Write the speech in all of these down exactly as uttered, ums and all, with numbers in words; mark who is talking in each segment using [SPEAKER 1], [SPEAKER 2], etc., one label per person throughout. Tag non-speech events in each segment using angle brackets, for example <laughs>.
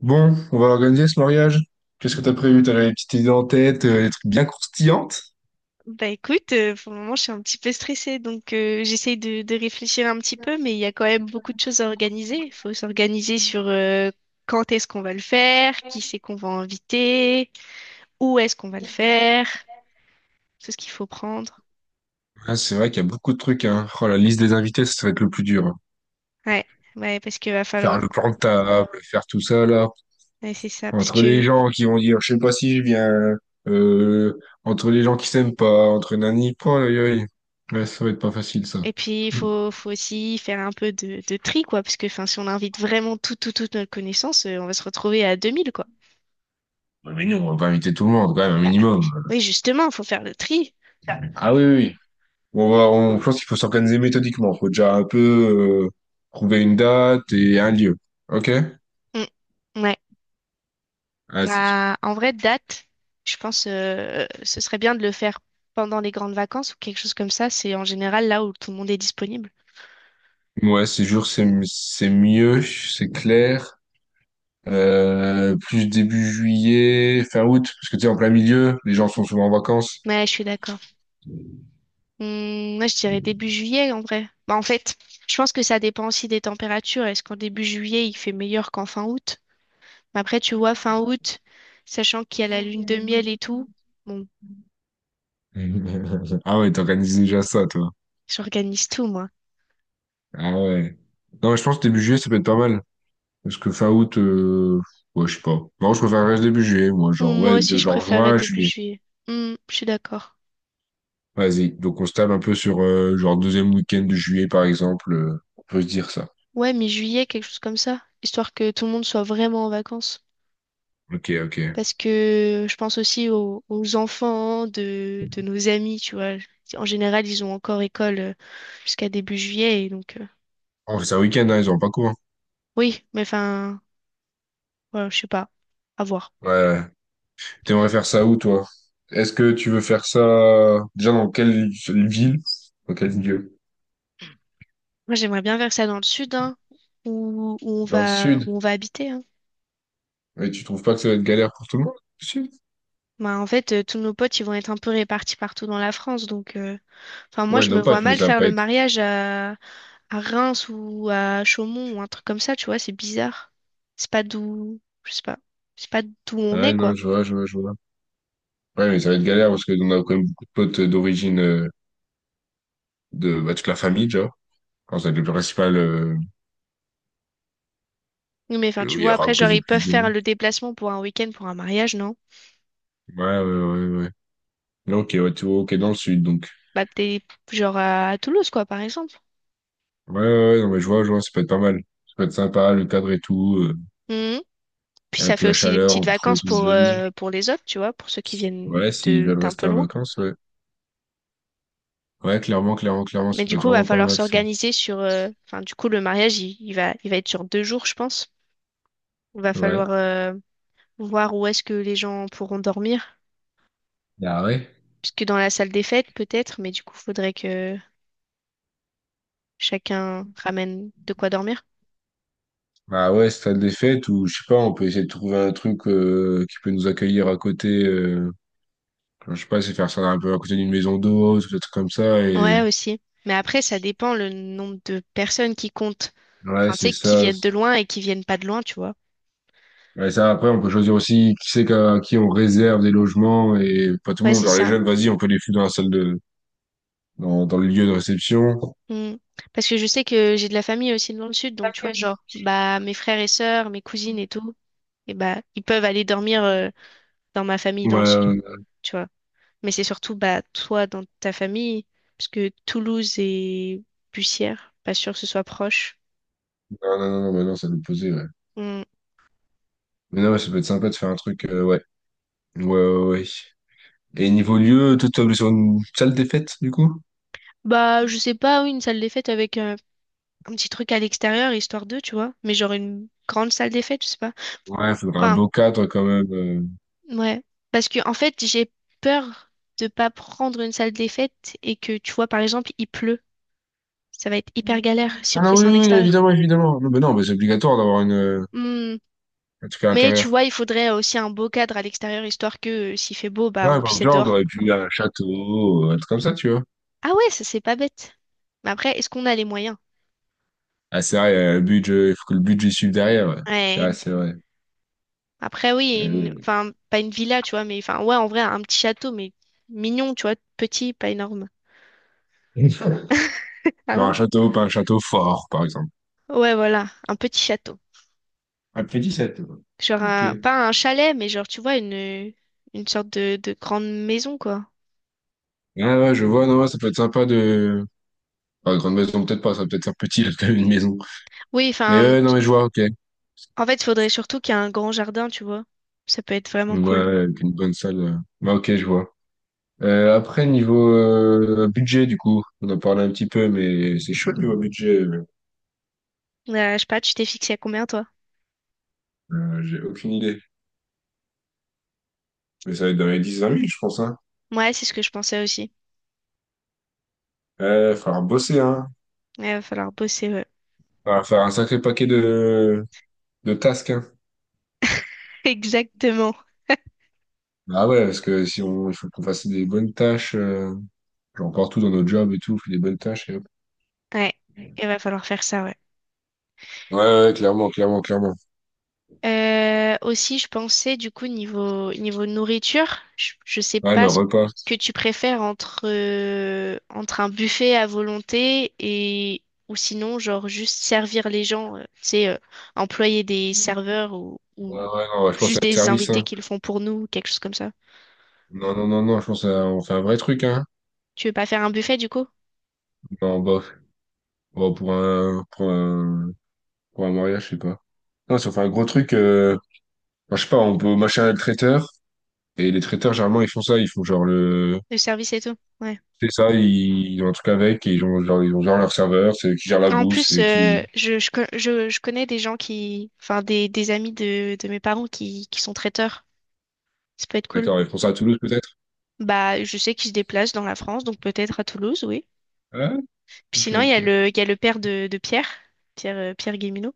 [SPEAKER 1] Bon, on va organiser ce mariage. Qu'est-ce que t'as prévu? T'as des petites idées en tête, euh, des trucs bien croustillantes?
[SPEAKER 2] Bah écoute, euh, pour le moment, je suis un petit peu stressée, donc euh, j'essaye de, de réfléchir un petit peu, mais il y a quand même beaucoup de choses à organiser. Il faut s'organiser sur euh, quand est-ce qu'on va le faire, qui c'est qu'on va inviter, où est-ce qu'on va le faire, tout ce qu'il faut prendre.
[SPEAKER 1] Ah, c'est vrai qu'il y a beaucoup de trucs, hein. Oh, la liste des invités, ça, ça va être le plus dur, hein.
[SPEAKER 2] Ouais, ouais, parce qu'il va
[SPEAKER 1] Faire
[SPEAKER 2] falloir.
[SPEAKER 1] le plan de table, faire tout ça, là.
[SPEAKER 2] Ouais, c'est ça, parce
[SPEAKER 1] Entre les
[SPEAKER 2] que
[SPEAKER 1] gens qui vont dire, je sais pas si je viens, euh, entre les gens qui s'aiment pas, entre nani, oh, aïe, aïe. Ouais, ça va être pas facile, ça.
[SPEAKER 2] et puis il
[SPEAKER 1] Mm.
[SPEAKER 2] faut, faut aussi faire un peu de, de tri, quoi, parce que enfin, si on invite vraiment tout, tout, toute notre connaissance, euh, on va se retrouver à deux mille quoi.
[SPEAKER 1] Ouais, mais nous, on va pas inviter tout le monde, quand même, un
[SPEAKER 2] Bah
[SPEAKER 1] minimum.
[SPEAKER 2] oui, oui, justement, il faut faire le tri.
[SPEAKER 1] Ah oui, oui. Oui. On va, on, je pense qu'il faut s'organiser méthodiquement. Faut déjà un peu, euh, trouver une date et un lieu. Ok?
[SPEAKER 2] Mm. Ouais.
[SPEAKER 1] Ah si.
[SPEAKER 2] Bah, en vrai, date, je pense euh, ce serait bien de le faire pendant les grandes vacances ou quelque chose comme ça. C'est en général là où tout le monde est disponible.
[SPEAKER 1] Ouais, c'est sûr, c'est c'est mieux, c'est clair. Euh, plus début juillet, fin août, parce que tu sais, en plein milieu, les gens sont souvent en vacances.
[SPEAKER 2] Ouais, je suis d'accord. Hum, moi, je dirais début
[SPEAKER 1] <laughs>
[SPEAKER 2] juillet en vrai. Bah, en fait, je pense que ça dépend aussi des températures. Est-ce qu'en début juillet, il fait meilleur qu'en fin août? Mais après, tu vois, fin août, sachant qu'il y a la lune de miel et tout, bon,
[SPEAKER 1] Ah ouais, t'organises déjà ça, toi.
[SPEAKER 2] j'organise tout, moi.
[SPEAKER 1] Ah ouais. Non, mais je pense que début juillet, ça peut être pas mal. Parce que fin août, euh... ouais, je sais pas. Non, je préfère reste début juillet, moi. Genre,
[SPEAKER 2] Hum, moi
[SPEAKER 1] ouais,
[SPEAKER 2] aussi,
[SPEAKER 1] de-
[SPEAKER 2] je
[SPEAKER 1] genre
[SPEAKER 2] préférerais
[SPEAKER 1] juin,
[SPEAKER 2] début
[SPEAKER 1] juillet.
[SPEAKER 2] juillet. Hum, je suis d'accord.
[SPEAKER 1] Vas-y. Donc, on se tape un peu sur, euh, genre, deuxième week-end de juillet, par exemple. euh, On peut se dire ça.
[SPEAKER 2] Ouais, mi-juillet, quelque chose comme ça, histoire que tout le monde soit vraiment en vacances.
[SPEAKER 1] Ok, ok.
[SPEAKER 2] Parce que je pense aussi aux, aux enfants de, de nos amis, tu vois. En général, ils ont encore école euh, jusqu'à début juillet, et donc euh,
[SPEAKER 1] Oh, c'est un week-end, hein, ils ont pas cours, hein.
[SPEAKER 2] oui, mais enfin, voilà, je sais pas, à voir.
[SPEAKER 1] Ouais, ouais. T'aimerais faire ça où, toi? Est-ce que tu veux faire ça déjà dans quelle ville? Dans quelle ville?
[SPEAKER 2] Moi, j'aimerais bien faire ça dans le sud, hein, où, où on
[SPEAKER 1] Dans le
[SPEAKER 2] va,
[SPEAKER 1] sud?
[SPEAKER 2] où on va habiter, hein.
[SPEAKER 1] Mais tu trouves pas que ça va être galère pour tout le monde? Le sud?
[SPEAKER 2] Bah, en fait, euh, tous nos potes, ils vont être un peu répartis partout dans la France, donc euh, enfin, moi,
[SPEAKER 1] Ouais,
[SPEAKER 2] je me
[SPEAKER 1] nos
[SPEAKER 2] vois
[SPEAKER 1] potes, mais
[SPEAKER 2] mal
[SPEAKER 1] ça va
[SPEAKER 2] faire
[SPEAKER 1] pas
[SPEAKER 2] le
[SPEAKER 1] être.
[SPEAKER 2] mariage à Reims ou à Chaumont ou un truc comme ça, tu vois, c'est bizarre. C'est pas d'où, je sais pas, c'est pas d'où on est,
[SPEAKER 1] Ouais, non,
[SPEAKER 2] quoi.
[SPEAKER 1] je vois, je vois, je vois. Ouais, mais ça va être galère parce que on a quand même beaucoup de potes d'origine, euh, de bah, toute la famille, genre. Quand ça va être le principal, euh,
[SPEAKER 2] Oui, mais enfin,
[SPEAKER 1] le- où
[SPEAKER 2] tu
[SPEAKER 1] il y
[SPEAKER 2] vois, après,
[SPEAKER 1] aura
[SPEAKER 2] genre,
[SPEAKER 1] quasi
[SPEAKER 2] ils peuvent
[SPEAKER 1] plus de
[SPEAKER 2] faire
[SPEAKER 1] monde.
[SPEAKER 2] le déplacement pour un week-end, pour un mariage, non?
[SPEAKER 1] Ouais, ouais, ouais, ouais. Non, ok, ouais, tu vois, ok, dans le sud, donc.
[SPEAKER 2] Bah, peut-être, genre, à, à Toulouse, quoi, par exemple.
[SPEAKER 1] Ouais, ouais, ouais, non, mais je vois, je vois, ça peut être pas mal. Ça peut être sympa, le cadre et tout, euh,
[SPEAKER 2] Mhm. Puis ça
[SPEAKER 1] avec
[SPEAKER 2] fait
[SPEAKER 1] la
[SPEAKER 2] aussi des
[SPEAKER 1] chaleur,
[SPEAKER 2] petites
[SPEAKER 1] on peut trouver
[SPEAKER 2] vacances
[SPEAKER 1] tout
[SPEAKER 2] pour,
[SPEAKER 1] le jeu.
[SPEAKER 2] euh, pour les autres, tu vois, pour ceux qui viennent
[SPEAKER 1] Ouais, s'ils
[SPEAKER 2] de,
[SPEAKER 1] veulent
[SPEAKER 2] d'un
[SPEAKER 1] rester
[SPEAKER 2] peu
[SPEAKER 1] en
[SPEAKER 2] loin.
[SPEAKER 1] vacances, ouais. Ouais, clairement, clairement, clairement, ça
[SPEAKER 2] Mais du
[SPEAKER 1] peut être
[SPEAKER 2] coup, va
[SPEAKER 1] vraiment pas
[SPEAKER 2] falloir
[SPEAKER 1] mal, ça.
[SPEAKER 2] s'organiser sur, euh, enfin, du coup, le mariage, il, il va, il va être sur deux jours, je pense. Il va falloir,
[SPEAKER 1] Ouais.
[SPEAKER 2] euh, voir où est-ce que les gens pourront dormir.
[SPEAKER 1] Ah ouais.
[SPEAKER 2] Parce que dans la salle des fêtes, peut-être, mais du coup, faudrait que chacun ramène de quoi dormir.
[SPEAKER 1] Ah ouais, stade des fêtes, ou je sais pas, on peut essayer de trouver un truc euh, qui peut nous accueillir à côté. Euh, enfin, je sais pas, c'est faire ça un peu à côté d'une maison d'eau, des trucs comme ça.
[SPEAKER 2] Ouais,
[SPEAKER 1] Et
[SPEAKER 2] aussi. Mais après, ça dépend le nombre de personnes qui comptent. Enfin,
[SPEAKER 1] ouais,
[SPEAKER 2] tu
[SPEAKER 1] c'est
[SPEAKER 2] sais, qui
[SPEAKER 1] ça.
[SPEAKER 2] viennent de loin et qui viennent pas de loin, tu vois.
[SPEAKER 1] Ouais, ça, après, on peut choisir aussi qui c'est qu'à- à qui on réserve des logements et pas tout le
[SPEAKER 2] Ouais,
[SPEAKER 1] monde.
[SPEAKER 2] c'est
[SPEAKER 1] Genre les
[SPEAKER 2] ça.
[SPEAKER 1] jeunes, vas-y, on peut les foutre dans la salle de, dans, dans le lieu de réception.
[SPEAKER 2] Mm. Parce que je sais que j'ai de la famille aussi dans le sud, donc tu vois, genre, bah, mes frères et sœurs, mes cousines et tout, et bah, ils peuvent aller dormir euh, dans ma famille
[SPEAKER 1] Ouais,
[SPEAKER 2] dans le sud,
[SPEAKER 1] ouais, ouais.
[SPEAKER 2] tu vois. Mais c'est surtout, bah, toi dans ta famille, parce que Toulouse et Bussière, pas sûr que ce soit proche.
[SPEAKER 1] Non, non, non, non, bah non, ça nous posait, ouais.
[SPEAKER 2] Hmm.
[SPEAKER 1] Mais non, ouais, ça peut être sympa de faire un truc, euh, ouais. Ouais, ouais, ouais. Et niveau lieu, toi, tu sur une salle des fêtes, du coup?
[SPEAKER 2] Bah, je sais pas, oui, une salle des fêtes avec euh, un petit truc à l'extérieur, histoire d'eux, tu vois. Mais genre une grande salle des fêtes, je sais pas.
[SPEAKER 1] Ouais, il faudrait un
[SPEAKER 2] Enfin,
[SPEAKER 1] beau cadre quand même, euh.
[SPEAKER 2] ouais. Parce que, en fait, j'ai peur de pas prendre une salle des fêtes et que, tu vois, par exemple, il pleut. Ça va être hyper galère si
[SPEAKER 1] Ah
[SPEAKER 2] on fait
[SPEAKER 1] non, oui,
[SPEAKER 2] ça en
[SPEAKER 1] oui, oui,
[SPEAKER 2] extérieur.
[SPEAKER 1] évidemment, évidemment. Non, mais non, mais c'est obligatoire d'avoir une, euh,
[SPEAKER 2] Hmm.
[SPEAKER 1] un truc à
[SPEAKER 2] Mais tu
[SPEAKER 1] l'intérieur.
[SPEAKER 2] vois, il faudrait aussi un beau cadre à l'extérieur, histoire que euh, s'il fait beau, bah,
[SPEAKER 1] Là,
[SPEAKER 2] on
[SPEAKER 1] par
[SPEAKER 2] puisse être
[SPEAKER 1] exemple, on
[SPEAKER 2] dehors.
[SPEAKER 1] aurait pu un château, un truc comme ça, tu vois.
[SPEAKER 2] Ah ouais, ça, c'est pas bête. Mais après, est-ce qu'on a les moyens?
[SPEAKER 1] Ah, c'est vrai, euh, le budget, il faut que le budget suive derrière, ouais. C'est
[SPEAKER 2] Ouais.
[SPEAKER 1] vrai, c'est vrai.
[SPEAKER 2] Après, oui, et une...
[SPEAKER 1] Euh,
[SPEAKER 2] enfin, pas une villa, tu vois, mais enfin, ouais, en vrai, un petit château, mais mignon, tu vois, petit, pas énorme.
[SPEAKER 1] Genre
[SPEAKER 2] Ah,
[SPEAKER 1] un château, pas un château fort, par exemple.
[SPEAKER 2] ouais, voilà, un petit château.
[SPEAKER 1] Un petit château.
[SPEAKER 2] Genre,
[SPEAKER 1] Ok.
[SPEAKER 2] un... pas un chalet, mais genre, tu vois, une, une sorte de... de grande maison, quoi.
[SPEAKER 1] Ah ouais, je vois, non, ouais, ça peut être sympa de... Enfin, grande maison, peut-être pas, ça peut être un petit, <laughs> là, quand même, une maison.
[SPEAKER 2] Oui,
[SPEAKER 1] Mais
[SPEAKER 2] enfin,
[SPEAKER 1] ouais, non, mais je vois, ok.
[SPEAKER 2] en fait, il faudrait surtout qu'il y ait un grand jardin, tu vois. Ça peut être
[SPEAKER 1] Ouais,
[SPEAKER 2] vraiment
[SPEAKER 1] ouais,
[SPEAKER 2] cool.
[SPEAKER 1] avec une bonne salle, euh. Bah, ok, je vois. Euh, après, niveau euh, budget, du coup, on en parlait un petit peu, mais c'est chaud niveau budget, euh,
[SPEAKER 2] Euh, je sais pas, tu t'es fixé à combien, toi?
[SPEAKER 1] euh, j'ai aucune idée. Mais ça va être dans les dix vingt mille je pense, hein.
[SPEAKER 2] Ouais, c'est ce que je pensais aussi.
[SPEAKER 1] Euh, faudra bosser, hein.
[SPEAKER 2] Ouais, il va falloir bosser, ouais.
[SPEAKER 1] Faudra faire un sacré paquet de, de tasks, hein.
[SPEAKER 2] <laughs> Exactement.
[SPEAKER 1] Ah ouais, parce que si on, il faut qu'on fasse des bonnes tâches, euh, genre partout dans notre job et tout, on fait des bonnes tâches et hop.
[SPEAKER 2] Ouais, il va falloir faire ça, ouais.
[SPEAKER 1] Ouais, ouais, ouais, clairement, clairement, clairement.
[SPEAKER 2] Euh, aussi, je pensais du coup niveau niveau nourriture, je, je sais
[SPEAKER 1] Ouais, le
[SPEAKER 2] pas ce
[SPEAKER 1] repas.
[SPEAKER 2] que tu préfères entre euh, entre un buffet à volonté et ou sinon genre juste servir les gens, euh, tu sais, euh, employer des serveurs ou,
[SPEAKER 1] Ouais,
[SPEAKER 2] ou
[SPEAKER 1] ouais, non, ouais, je pense à
[SPEAKER 2] juste
[SPEAKER 1] le
[SPEAKER 2] des
[SPEAKER 1] service,
[SPEAKER 2] invités
[SPEAKER 1] hein.
[SPEAKER 2] qui le font pour nous, quelque chose comme ça.
[SPEAKER 1] Non, non, non, non, je pense à, on fait un vrai truc, hein.
[SPEAKER 2] Tu veux pas faire un buffet du coup,
[SPEAKER 1] Non, bah, bon, pour un, pour un, pour un mariage, je sais pas. Non, si on fait un gros truc, euh, enfin, je sais pas, on peut machin le traiteur. Et les traiteurs, généralement, ils font ça. Ils font genre le.
[SPEAKER 2] de service et tout? Ouais.
[SPEAKER 1] C'est ça, ils, ils ont un truc avec et ils ont genre, ils ont genre leur serveur, c'est eux qui gèrent la
[SPEAKER 2] En
[SPEAKER 1] bouffe, c'est
[SPEAKER 2] plus,
[SPEAKER 1] eux
[SPEAKER 2] euh,
[SPEAKER 1] qui.
[SPEAKER 2] je, je, co- je, je connais des gens qui, enfin des, des amis de, de mes parents qui, qui sont traiteurs. Ça peut être cool.
[SPEAKER 1] D'accord, ils font ça à Toulouse peut-être?
[SPEAKER 2] Bah, je sais qu'il se déplace dans la France, donc peut-être à Toulouse, oui.
[SPEAKER 1] Ah,
[SPEAKER 2] Puis
[SPEAKER 1] ok,
[SPEAKER 2] sinon, il y a
[SPEAKER 1] ok.
[SPEAKER 2] le, il y a le père de, de Pierre, Pierre, euh, Pierre Guéminaud.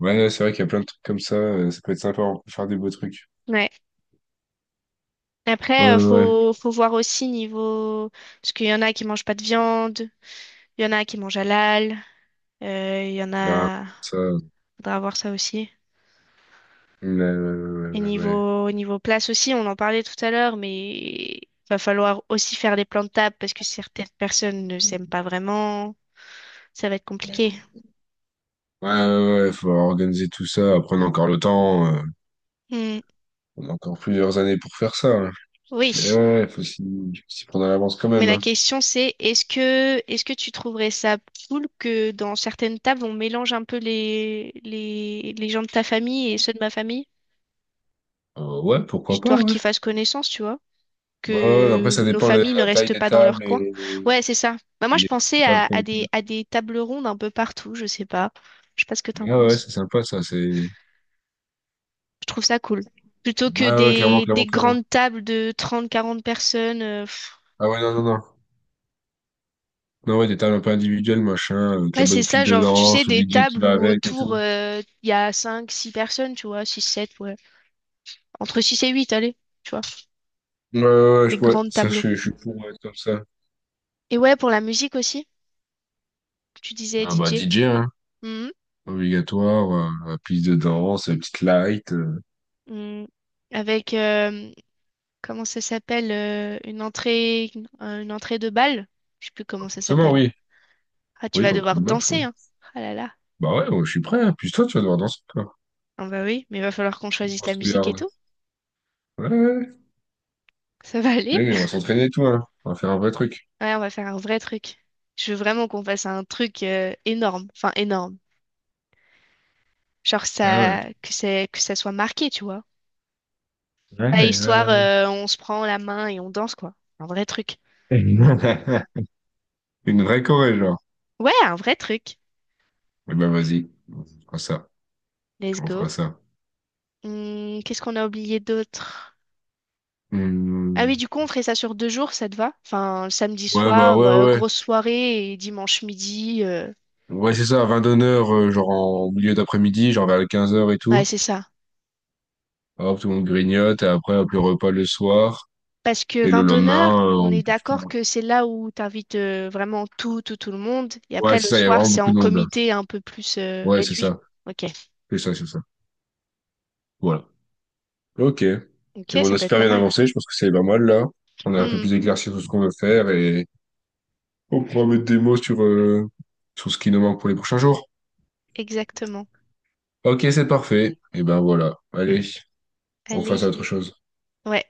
[SPEAKER 1] Ouais, non, c'est vrai qu'il y a plein de trucs comme ça, euh, ça peut être sympa, on peut faire des beaux trucs.
[SPEAKER 2] Ouais.
[SPEAKER 1] Ouais,
[SPEAKER 2] Après, euh,
[SPEAKER 1] ouais, ouais.
[SPEAKER 2] faut, faut voir aussi niveau... Parce qu'il y en a qui mangent pas de viande, il y en a qui mangent halal, euh, il y en
[SPEAKER 1] Bah,
[SPEAKER 2] a...
[SPEAKER 1] ça.
[SPEAKER 2] Faudra voir ça aussi.
[SPEAKER 1] Ouais, ouais, ouais,
[SPEAKER 2] Et
[SPEAKER 1] ouais. Ouais.
[SPEAKER 2] niveau, niveau place aussi, on en parlait tout à l'heure, mais va falloir aussi faire des plans de table parce que certaines personnes ne s'aiment pas vraiment. Ça va être compliqué.
[SPEAKER 1] Ouais, ouais, ouais, faut organiser tout ça, prendre encore le temps, euh,
[SPEAKER 2] Hmm.
[SPEAKER 1] on a encore plusieurs années pour faire ça, hein.
[SPEAKER 2] Oui.
[SPEAKER 1] Mais ouais, faut s'y s'y prendre à l'avance quand
[SPEAKER 2] Mais
[SPEAKER 1] même,
[SPEAKER 2] la
[SPEAKER 1] hein.
[SPEAKER 2] question c'est, est-ce que est-ce que tu trouverais ça cool que dans certaines tables on mélange un peu les les les gens de ta famille et ceux de ma famille,
[SPEAKER 1] Euh, ouais, pourquoi pas,
[SPEAKER 2] histoire
[SPEAKER 1] ouais.
[SPEAKER 2] qu'ils fassent connaissance, tu vois,
[SPEAKER 1] Ouais, ouais, après,
[SPEAKER 2] que
[SPEAKER 1] ça
[SPEAKER 2] nos
[SPEAKER 1] dépend de
[SPEAKER 2] familles ne
[SPEAKER 1] la taille
[SPEAKER 2] restent
[SPEAKER 1] des
[SPEAKER 2] pas dans leur
[SPEAKER 1] tables
[SPEAKER 2] coin.
[SPEAKER 1] et,
[SPEAKER 2] Ouais, c'est ça. Bah, moi
[SPEAKER 1] et
[SPEAKER 2] je
[SPEAKER 1] les
[SPEAKER 2] pensais à,
[SPEAKER 1] tables qu'on
[SPEAKER 2] à
[SPEAKER 1] fait.
[SPEAKER 2] des à des tables rondes un peu partout, je sais pas. Je sais pas ce que
[SPEAKER 1] Mais
[SPEAKER 2] t'en
[SPEAKER 1] ah ouais,
[SPEAKER 2] penses.
[SPEAKER 1] c'est sympa, ça, c'est...
[SPEAKER 2] Je trouve ça cool. Plutôt
[SPEAKER 1] Ouais,
[SPEAKER 2] que
[SPEAKER 1] ouais, clairement,
[SPEAKER 2] des
[SPEAKER 1] clairement,
[SPEAKER 2] des
[SPEAKER 1] clairement.
[SPEAKER 2] grandes tables de trente quarante personnes.
[SPEAKER 1] Ah ouais, non, non, non. Non, ouais, des tables un peu individuelles, machin, avec la
[SPEAKER 2] Ouais, c'est
[SPEAKER 1] bonne pile
[SPEAKER 2] ça,
[SPEAKER 1] de
[SPEAKER 2] genre, tu sais,
[SPEAKER 1] danse, le
[SPEAKER 2] des
[SPEAKER 1] D J qui
[SPEAKER 2] tables
[SPEAKER 1] va
[SPEAKER 2] où
[SPEAKER 1] avec et
[SPEAKER 2] autour,
[SPEAKER 1] tout.
[SPEAKER 2] euh, il y a cinq six personnes, tu vois, six sept ouais. Entre six et huit allez, tu vois,
[SPEAKER 1] Ouais, ouais, ouais, je
[SPEAKER 2] des
[SPEAKER 1] pourrais...
[SPEAKER 2] grandes
[SPEAKER 1] Ça,
[SPEAKER 2] tables
[SPEAKER 1] je,
[SPEAKER 2] rondes.
[SPEAKER 1] je suis pour, ouais, comme ça.
[SPEAKER 2] Et ouais, pour la musique aussi, tu disais
[SPEAKER 1] Ah bah,
[SPEAKER 2] D J.
[SPEAKER 1] D J, hein.
[SPEAKER 2] Mhm.
[SPEAKER 1] Obligatoire, euh, la piste de danse, la petite light, euh,
[SPEAKER 2] Mhm. Avec, euh, comment ça s'appelle, euh, une entrée, une, euh, une entrée de bal? Je sais plus comment ça
[SPEAKER 1] Forcément,
[SPEAKER 2] s'appelle.
[SPEAKER 1] oui.
[SPEAKER 2] Ah, tu
[SPEAKER 1] Oui,
[SPEAKER 2] vas
[SPEAKER 1] dans le trou
[SPEAKER 2] devoir
[SPEAKER 1] de balle, je crois.
[SPEAKER 2] danser, hein. Ah là là.
[SPEAKER 1] Bah ouais, ouais, je suis prêt. Hein. Puis toi, tu vas devoir danser, quoi.
[SPEAKER 2] Ah bah oui, mais il va falloir qu'on choisisse la
[SPEAKER 1] Grosse
[SPEAKER 2] musique et
[SPEAKER 1] trouillarde.
[SPEAKER 2] tout.
[SPEAKER 1] Ouais, ouais, ouais.
[SPEAKER 2] Ça va aller?
[SPEAKER 1] Mais on va
[SPEAKER 2] <laughs>
[SPEAKER 1] s'entraîner et tout, hein. On va faire un vrai truc.
[SPEAKER 2] Ouais, on va faire un vrai truc. Je veux vraiment qu'on fasse un truc, euh, énorme. Enfin, énorme. Genre
[SPEAKER 1] Ah ouais.
[SPEAKER 2] ça, que c'est, que ça soit marqué, tu vois.
[SPEAKER 1] Ouais,
[SPEAKER 2] Pas
[SPEAKER 1] ouais,
[SPEAKER 2] histoire,
[SPEAKER 1] ouais,
[SPEAKER 2] euh, on se prend la main et on danse, quoi. Un vrai truc.
[SPEAKER 1] ouais. <laughs> Une vraie Corée, genre.
[SPEAKER 2] Ouais, un vrai truc.
[SPEAKER 1] Eh ben, vas-y. On fera ça.
[SPEAKER 2] Let's
[SPEAKER 1] On
[SPEAKER 2] go.
[SPEAKER 1] fera ça.
[SPEAKER 2] Hmm, qu'est-ce qu'on a oublié d'autre? Ah oui,
[SPEAKER 1] Hmm.
[SPEAKER 2] du coup, on ferait ça sur deux jours, ça te va? Enfin, le samedi
[SPEAKER 1] Ouais, bah,
[SPEAKER 2] soir,
[SPEAKER 1] ouais,
[SPEAKER 2] euh,
[SPEAKER 1] ouais.
[SPEAKER 2] grosse soirée et dimanche midi. euh,
[SPEAKER 1] Ouais, ouais, c'est ça, à vingt heures, euh, genre en milieu d'après-midi, genre vers les quinze heures et
[SPEAKER 2] Ouais,
[SPEAKER 1] tout.
[SPEAKER 2] c'est ça.
[SPEAKER 1] Hop, tout le monde grignote, et après, hop, le repas le soir.
[SPEAKER 2] Parce que
[SPEAKER 1] Et
[SPEAKER 2] vin
[SPEAKER 1] le lendemain,
[SPEAKER 2] d'honneur,
[SPEAKER 1] euh,
[SPEAKER 2] on
[SPEAKER 1] on...
[SPEAKER 2] est d'accord que c'est là où t'invites euh, vraiment tout, tout, tout le monde. Et
[SPEAKER 1] Ouais,
[SPEAKER 2] après,
[SPEAKER 1] c'est
[SPEAKER 2] le
[SPEAKER 1] ça, il y a
[SPEAKER 2] soir,
[SPEAKER 1] vraiment
[SPEAKER 2] c'est
[SPEAKER 1] beaucoup
[SPEAKER 2] en
[SPEAKER 1] de monde, là.
[SPEAKER 2] comité un peu plus euh,
[SPEAKER 1] Ouais, c'est
[SPEAKER 2] réduit.
[SPEAKER 1] ça.
[SPEAKER 2] Ok.
[SPEAKER 1] C'est ça, c'est ça. Voilà. Ok. Et
[SPEAKER 2] Ok,
[SPEAKER 1] bon, on
[SPEAKER 2] ça
[SPEAKER 1] a
[SPEAKER 2] peut être
[SPEAKER 1] super
[SPEAKER 2] pas
[SPEAKER 1] bien
[SPEAKER 2] mal.
[SPEAKER 1] avancé, je pense que c'est pas mal là. On a un peu
[SPEAKER 2] Hmm,
[SPEAKER 1] plus éclairci sur ce qu'on veut faire et on pourra mettre des mots sur, euh, sur ce qui nous manque pour les prochains jours.
[SPEAKER 2] exactement.
[SPEAKER 1] Ok, c'est parfait. Et ben voilà. Allez, on
[SPEAKER 2] Allez.
[SPEAKER 1] fasse à autre chose.
[SPEAKER 2] Ouais.